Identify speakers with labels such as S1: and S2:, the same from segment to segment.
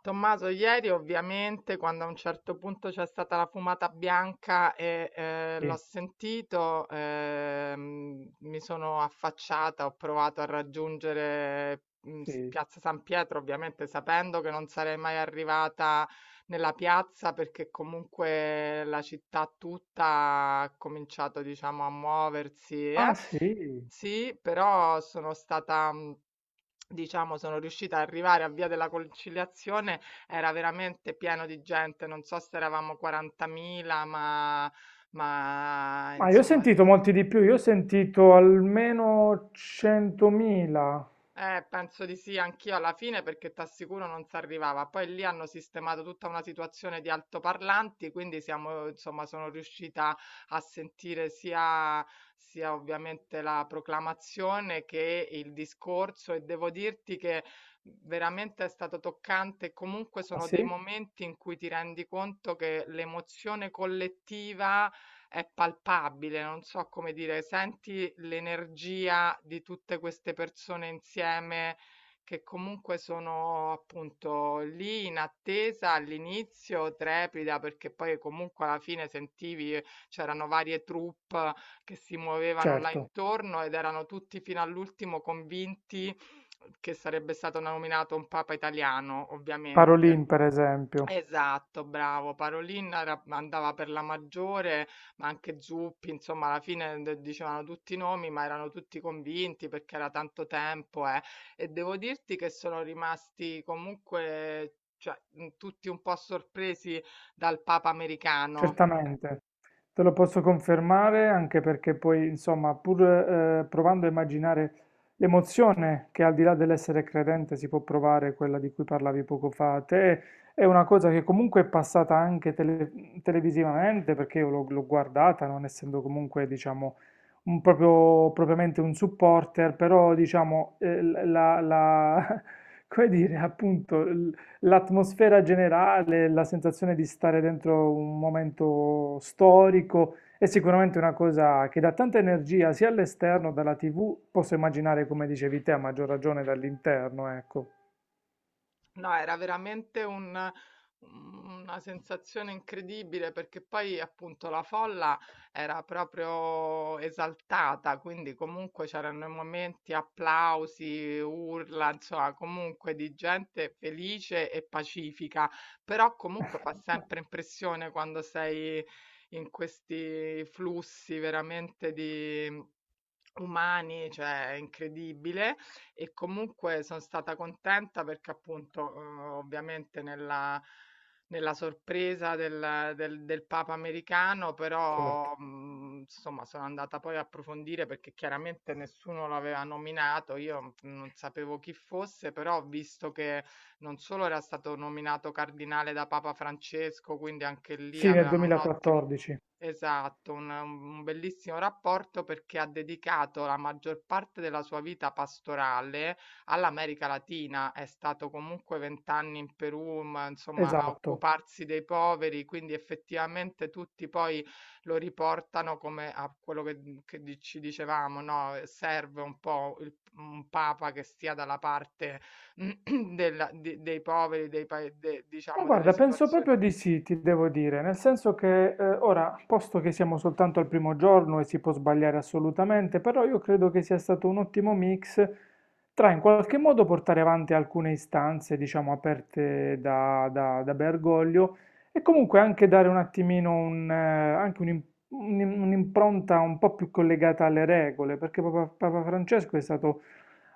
S1: Tommaso, ieri ovviamente quando a un certo punto c'è stata la fumata bianca e l'ho
S2: Sì,
S1: sentito, mi sono affacciata, ho provato a raggiungere
S2: sì.
S1: Piazza San Pietro, ovviamente sapendo che non sarei mai arrivata nella piazza perché comunque la città tutta ha cominciato, diciamo, a muoversi, eh.
S2: Ah sì,
S1: Sì, però sono stata, diciamo sono riuscita a arrivare a Via della Conciliazione, era veramente pieno di gente, non so se eravamo 40.000 ma
S2: ma io ho
S1: insomma s
S2: sentito molti di più, io ho sentito almeno 100.000.
S1: Penso di sì, anch'io alla fine perché t'assicuro non si arrivava. Poi lì hanno sistemato tutta una situazione di altoparlanti, quindi siamo, insomma, sono riuscita a sentire sia ovviamente la proclamazione che il discorso e devo dirti che veramente è stato toccante. Comunque
S2: Ah
S1: sono
S2: sì?
S1: dei momenti in cui ti rendi conto che l'emozione collettiva è palpabile, non so come dire, senti l'energia di tutte queste persone insieme che comunque sono appunto lì in attesa all'inizio, trepida, perché poi comunque alla fine sentivi c'erano varie troupe che si muovevano là
S2: Certo,
S1: intorno ed erano tutti fino all'ultimo convinti che sarebbe stato nominato un papa italiano,
S2: Parolin
S1: ovviamente.
S2: per esempio.
S1: Esatto, bravo. Parolin era andava per la maggiore, ma anche Zuppi, insomma alla fine de dicevano tutti i nomi, ma erano tutti convinti perché era tanto tempo, eh. E devo dirti che sono rimasti comunque, cioè, tutti un po' sorpresi dal Papa americano.
S2: Certamente, te lo posso confermare anche perché poi, insomma, pur provando a immaginare l'emozione che al di là dell'essere credente si può provare, quella di cui parlavi poco fa, te è una cosa che comunque è passata anche televisivamente perché io l'ho guardata, non essendo comunque, diciamo, propriamente un supporter, però, diciamo, come dire, appunto l'atmosfera generale, la sensazione di stare dentro un momento storico è sicuramente una cosa che dà tanta energia sia all'esterno, dalla TV, posso immaginare come dicevi te, a maggior ragione dall'interno, ecco.
S1: No, era veramente una sensazione incredibile perché poi appunto la folla era proprio esaltata, quindi comunque c'erano i momenti, applausi, urla, insomma, comunque di gente felice e pacifica, però comunque fa sempre impressione quando sei in questi flussi veramente di umani, cioè è incredibile e comunque son stata contenta perché appunto, ovviamente nella sorpresa del Papa americano,
S2: Certo.
S1: però, insomma sono andata poi a approfondire perché chiaramente nessuno lo aveva nominato, io non sapevo chi fosse, però ho visto che non solo era stato nominato cardinale da Papa Francesco, quindi anche lì
S2: Sì, nel
S1: avevano un ottimo.
S2: 2014,
S1: Esatto, un bellissimo rapporto perché ha dedicato la maggior parte della sua vita pastorale all'America Latina. È stato comunque 20 anni in Perù, ma, insomma, a
S2: esatto.
S1: occuparsi dei poveri, quindi effettivamente tutti poi lo riportano come a quello che, ci dicevamo, no? Serve un po' un papa che stia dalla parte dei poveri,
S2: Ma
S1: diciamo, delle
S2: guarda, penso
S1: situazioni.
S2: proprio di sì, ti devo dire, nel senso che ora, posto che siamo soltanto al primo giorno e si può sbagliare assolutamente, però io credo che sia stato un ottimo mix tra in qualche modo portare avanti alcune istanze, diciamo, aperte da Bergoglio e comunque anche dare un attimino anche un'impronta un po' più collegata alle regole, perché Papa Francesco è stato,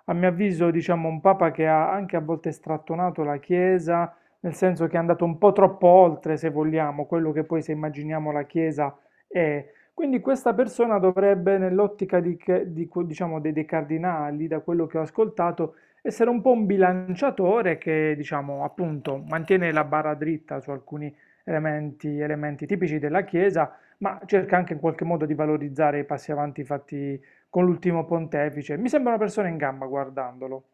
S2: a mio avviso, diciamo, un papa che ha anche a volte strattonato la Chiesa nel senso che è andato un po' troppo oltre, se vogliamo, quello che poi se immaginiamo la Chiesa è. Quindi questa persona dovrebbe, nell'ottica di che- di que- diciamo, dei cardinali, da quello che ho ascoltato, essere un po' un bilanciatore che, diciamo, appunto, mantiene la barra dritta su alcuni elementi tipici della Chiesa, ma cerca anche in qualche modo di valorizzare i passi avanti fatti con l'ultimo pontefice. Mi sembra una persona in gamba guardandolo.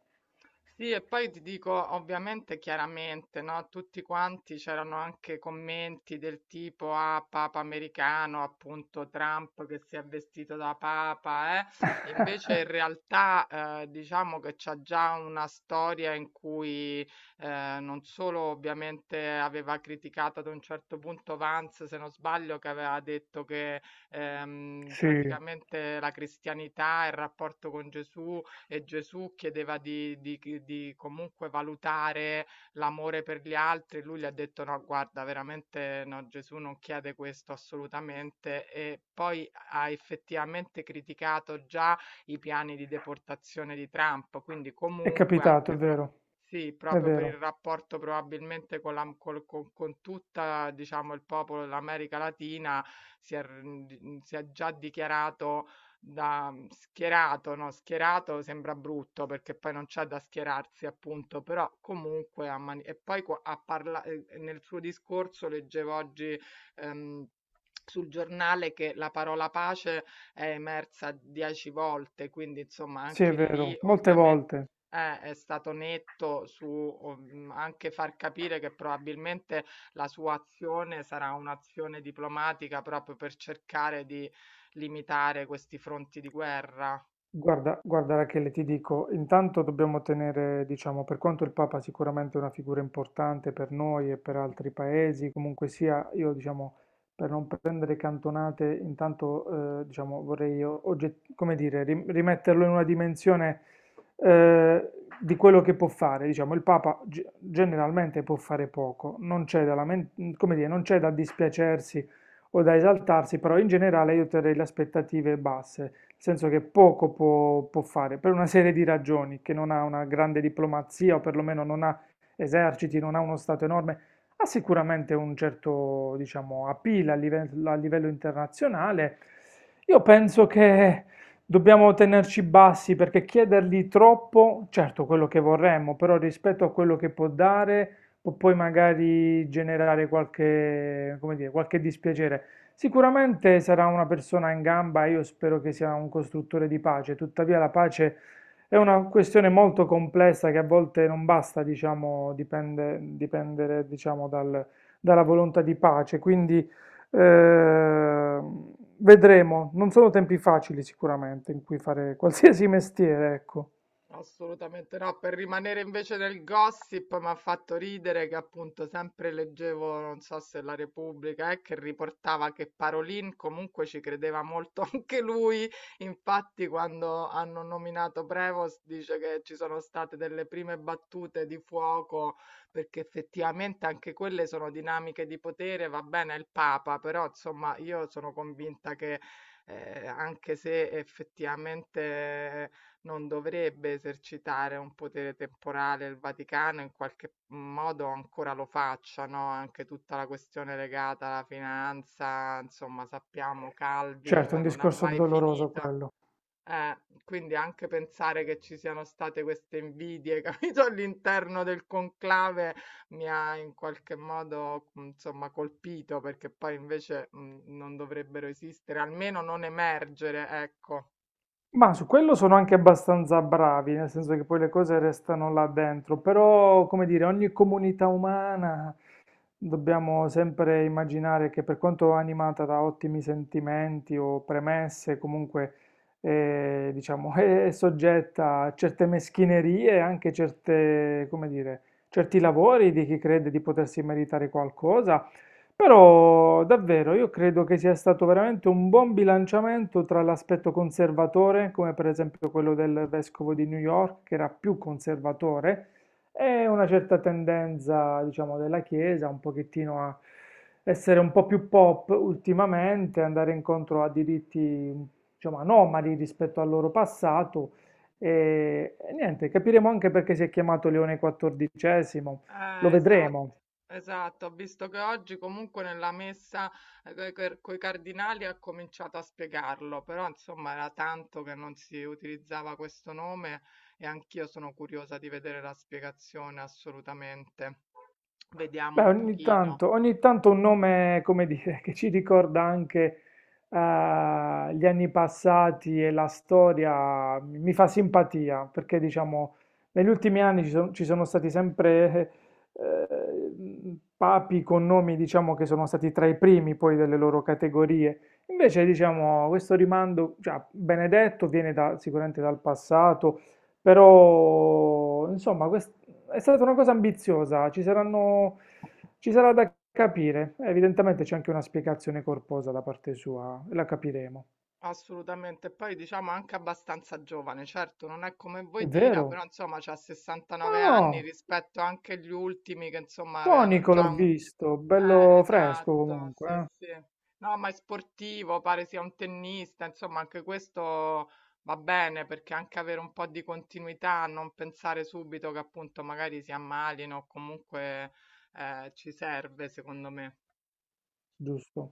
S1: Sì, e poi ti dico, ovviamente, chiaramente, no, tutti quanti c'erano anche commenti del tipo ah, Papa americano, appunto Trump che si è vestito da Papa, eh. Invece in realtà diciamo che c'è già una storia in cui non solo ovviamente aveva criticato ad un certo punto Vance, se non sbaglio, che aveva detto che
S2: Sì,
S1: praticamente la cristianità e il rapporto con Gesù e Gesù chiedeva di comunque valutare l'amore per gli altri, lui gli ha detto no, guarda, veramente no, Gesù non chiede questo assolutamente e poi ha effettivamente criticato già i piani di deportazione di Trump, quindi
S2: è
S1: comunque
S2: capitato, è vero,
S1: sì,
S2: è
S1: proprio per il
S2: vero.
S1: rapporto probabilmente con, la, col- con tutta, diciamo, il popolo dell'America Latina si è, si è già dichiarato da schierato, no, schierato sembra brutto perché poi non c'è da schierarsi, appunto, però comunque a mani- e poi qua- a parla- nel suo discorso leggevo oggi ehm, sul giornale che la parola pace è emersa 10 volte, quindi insomma
S2: Sì, è
S1: anche lì
S2: vero, molte
S1: ovviamente
S2: volte.
S1: è stato netto su anche far capire che probabilmente la sua azione sarà un'azione diplomatica proprio per cercare di limitare questi fronti di guerra.
S2: Guarda, guarda Rachele, ti dico, intanto dobbiamo tenere, diciamo, per quanto il Papa sicuramente è una figura importante per noi e per altri paesi, comunque sia, io diciamo, per non prendere cantonate, intanto, diciamo, vorrei, come dire, rimetterlo in una dimensione, eh, di quello che può fare. Diciamo, il Papa generalmente può fare poco, non c'è da come dire, non c'è da dispiacersi o da esaltarsi, però in generale io terrei le aspettative basse, nel senso che poco può fare per una serie di ragioni, che non ha una grande diplomazia o perlomeno non ha eserciti, non ha uno stato enorme, ha sicuramente un certo, diciamo, appeal a livello internazionale. Io penso che dobbiamo tenerci bassi perché chiedergli troppo, certo quello che vorremmo, però rispetto a quello che può dare, può poi magari generare qualche, come dire, qualche dispiacere. Sicuramente sarà una persona in gamba e io spero che sia un costruttore di pace, tuttavia la pace è una questione molto complessa che a volte non basta, diciamo, dipendere, diciamo, dalla volontà di pace, quindi eh, vedremo, non sono tempi facili sicuramente in cui fare qualsiasi mestiere, ecco.
S1: Assolutamente no, per rimanere invece nel gossip mi ha fatto ridere che appunto sempre leggevo, non so se la Repubblica, che riportava che Parolin comunque ci credeva molto anche lui, infatti quando hanno nominato Prevost dice che ci sono state delle prime battute di fuoco, perché effettivamente anche quelle sono dinamiche di potere, va bene è il Papa, però insomma io sono convinta che anche se effettivamente non dovrebbe esercitare un potere temporale il Vaticano, in qualche modo ancora lo faccia, no, anche tutta la questione legata alla finanza, insomma, sappiamo Calvi,
S2: Certo, è
S1: cioè
S2: un
S1: non ha
S2: discorso
S1: mai
S2: doloroso
S1: finito.
S2: quello.
S1: Eh, quindi anche pensare che ci siano state queste invidie, capito, all'interno del conclave mi ha in qualche modo, insomma, colpito perché poi invece non dovrebbero esistere, almeno non emergere, ecco.
S2: Ma su quello sono anche abbastanza bravi, nel senso che poi le cose restano là dentro, però come dire, ogni comunità umana. Dobbiamo sempre immaginare che per quanto animata da ottimi sentimenti o premesse, comunque diciamo, è soggetta a certe meschinerie, anche certe, come dire, certi lavori di chi crede di potersi meritare qualcosa. Però davvero io credo che sia stato veramente un buon bilanciamento tra l'aspetto conservatore, come per esempio quello del vescovo di New York, che era più conservatore, e una certa tendenza, diciamo, della Chiesa un pochettino a essere un po' più pop ultimamente, andare incontro a diritti, diciamo, anomali rispetto al loro passato. E niente, capiremo anche perché si è chiamato Leone XIV, lo
S1: Esatto,
S2: vedremo.
S1: esatto, ho visto che oggi comunque nella messa con i cardinali ha cominciato a spiegarlo, però insomma era tanto che non si utilizzava questo nome e anch'io sono curiosa di vedere la spiegazione assolutamente. Vediamo
S2: Beh,
S1: un pochino.
S2: ogni tanto un nome, come dire, che ci ricorda anche eh, gli anni passati e la storia, mi fa simpatia, perché diciamo, negli ultimi anni ci sono stati sempre papi con nomi, diciamo, che sono stati tra i primi poi delle loro categorie. Invece, diciamo, questo rimando, cioè, Benedetto viene sicuramente dal passato, però, insomma, è stata una cosa ambiziosa, ci saranno. Ci sarà da capire, evidentemente c'è anche una spiegazione corposa da parte sua, e la capiremo.
S1: Assolutamente, poi diciamo anche abbastanza giovane, certo non è come
S2: È
S1: voi Tira,
S2: vero?
S1: però insomma c'ha
S2: No,
S1: 69 anni
S2: no,
S1: rispetto anche agli ultimi che insomma avevano
S2: tonico l'ho
S1: già un.
S2: visto, bello fresco
S1: Esatto,
S2: comunque,
S1: sì,
S2: eh?
S1: sì. No, ma è sportivo, pare sia un tennista, insomma, anche questo va bene perché anche avere un po' di continuità, non pensare subito che appunto magari si ammalino o comunque ci serve, secondo me.
S2: Giusto.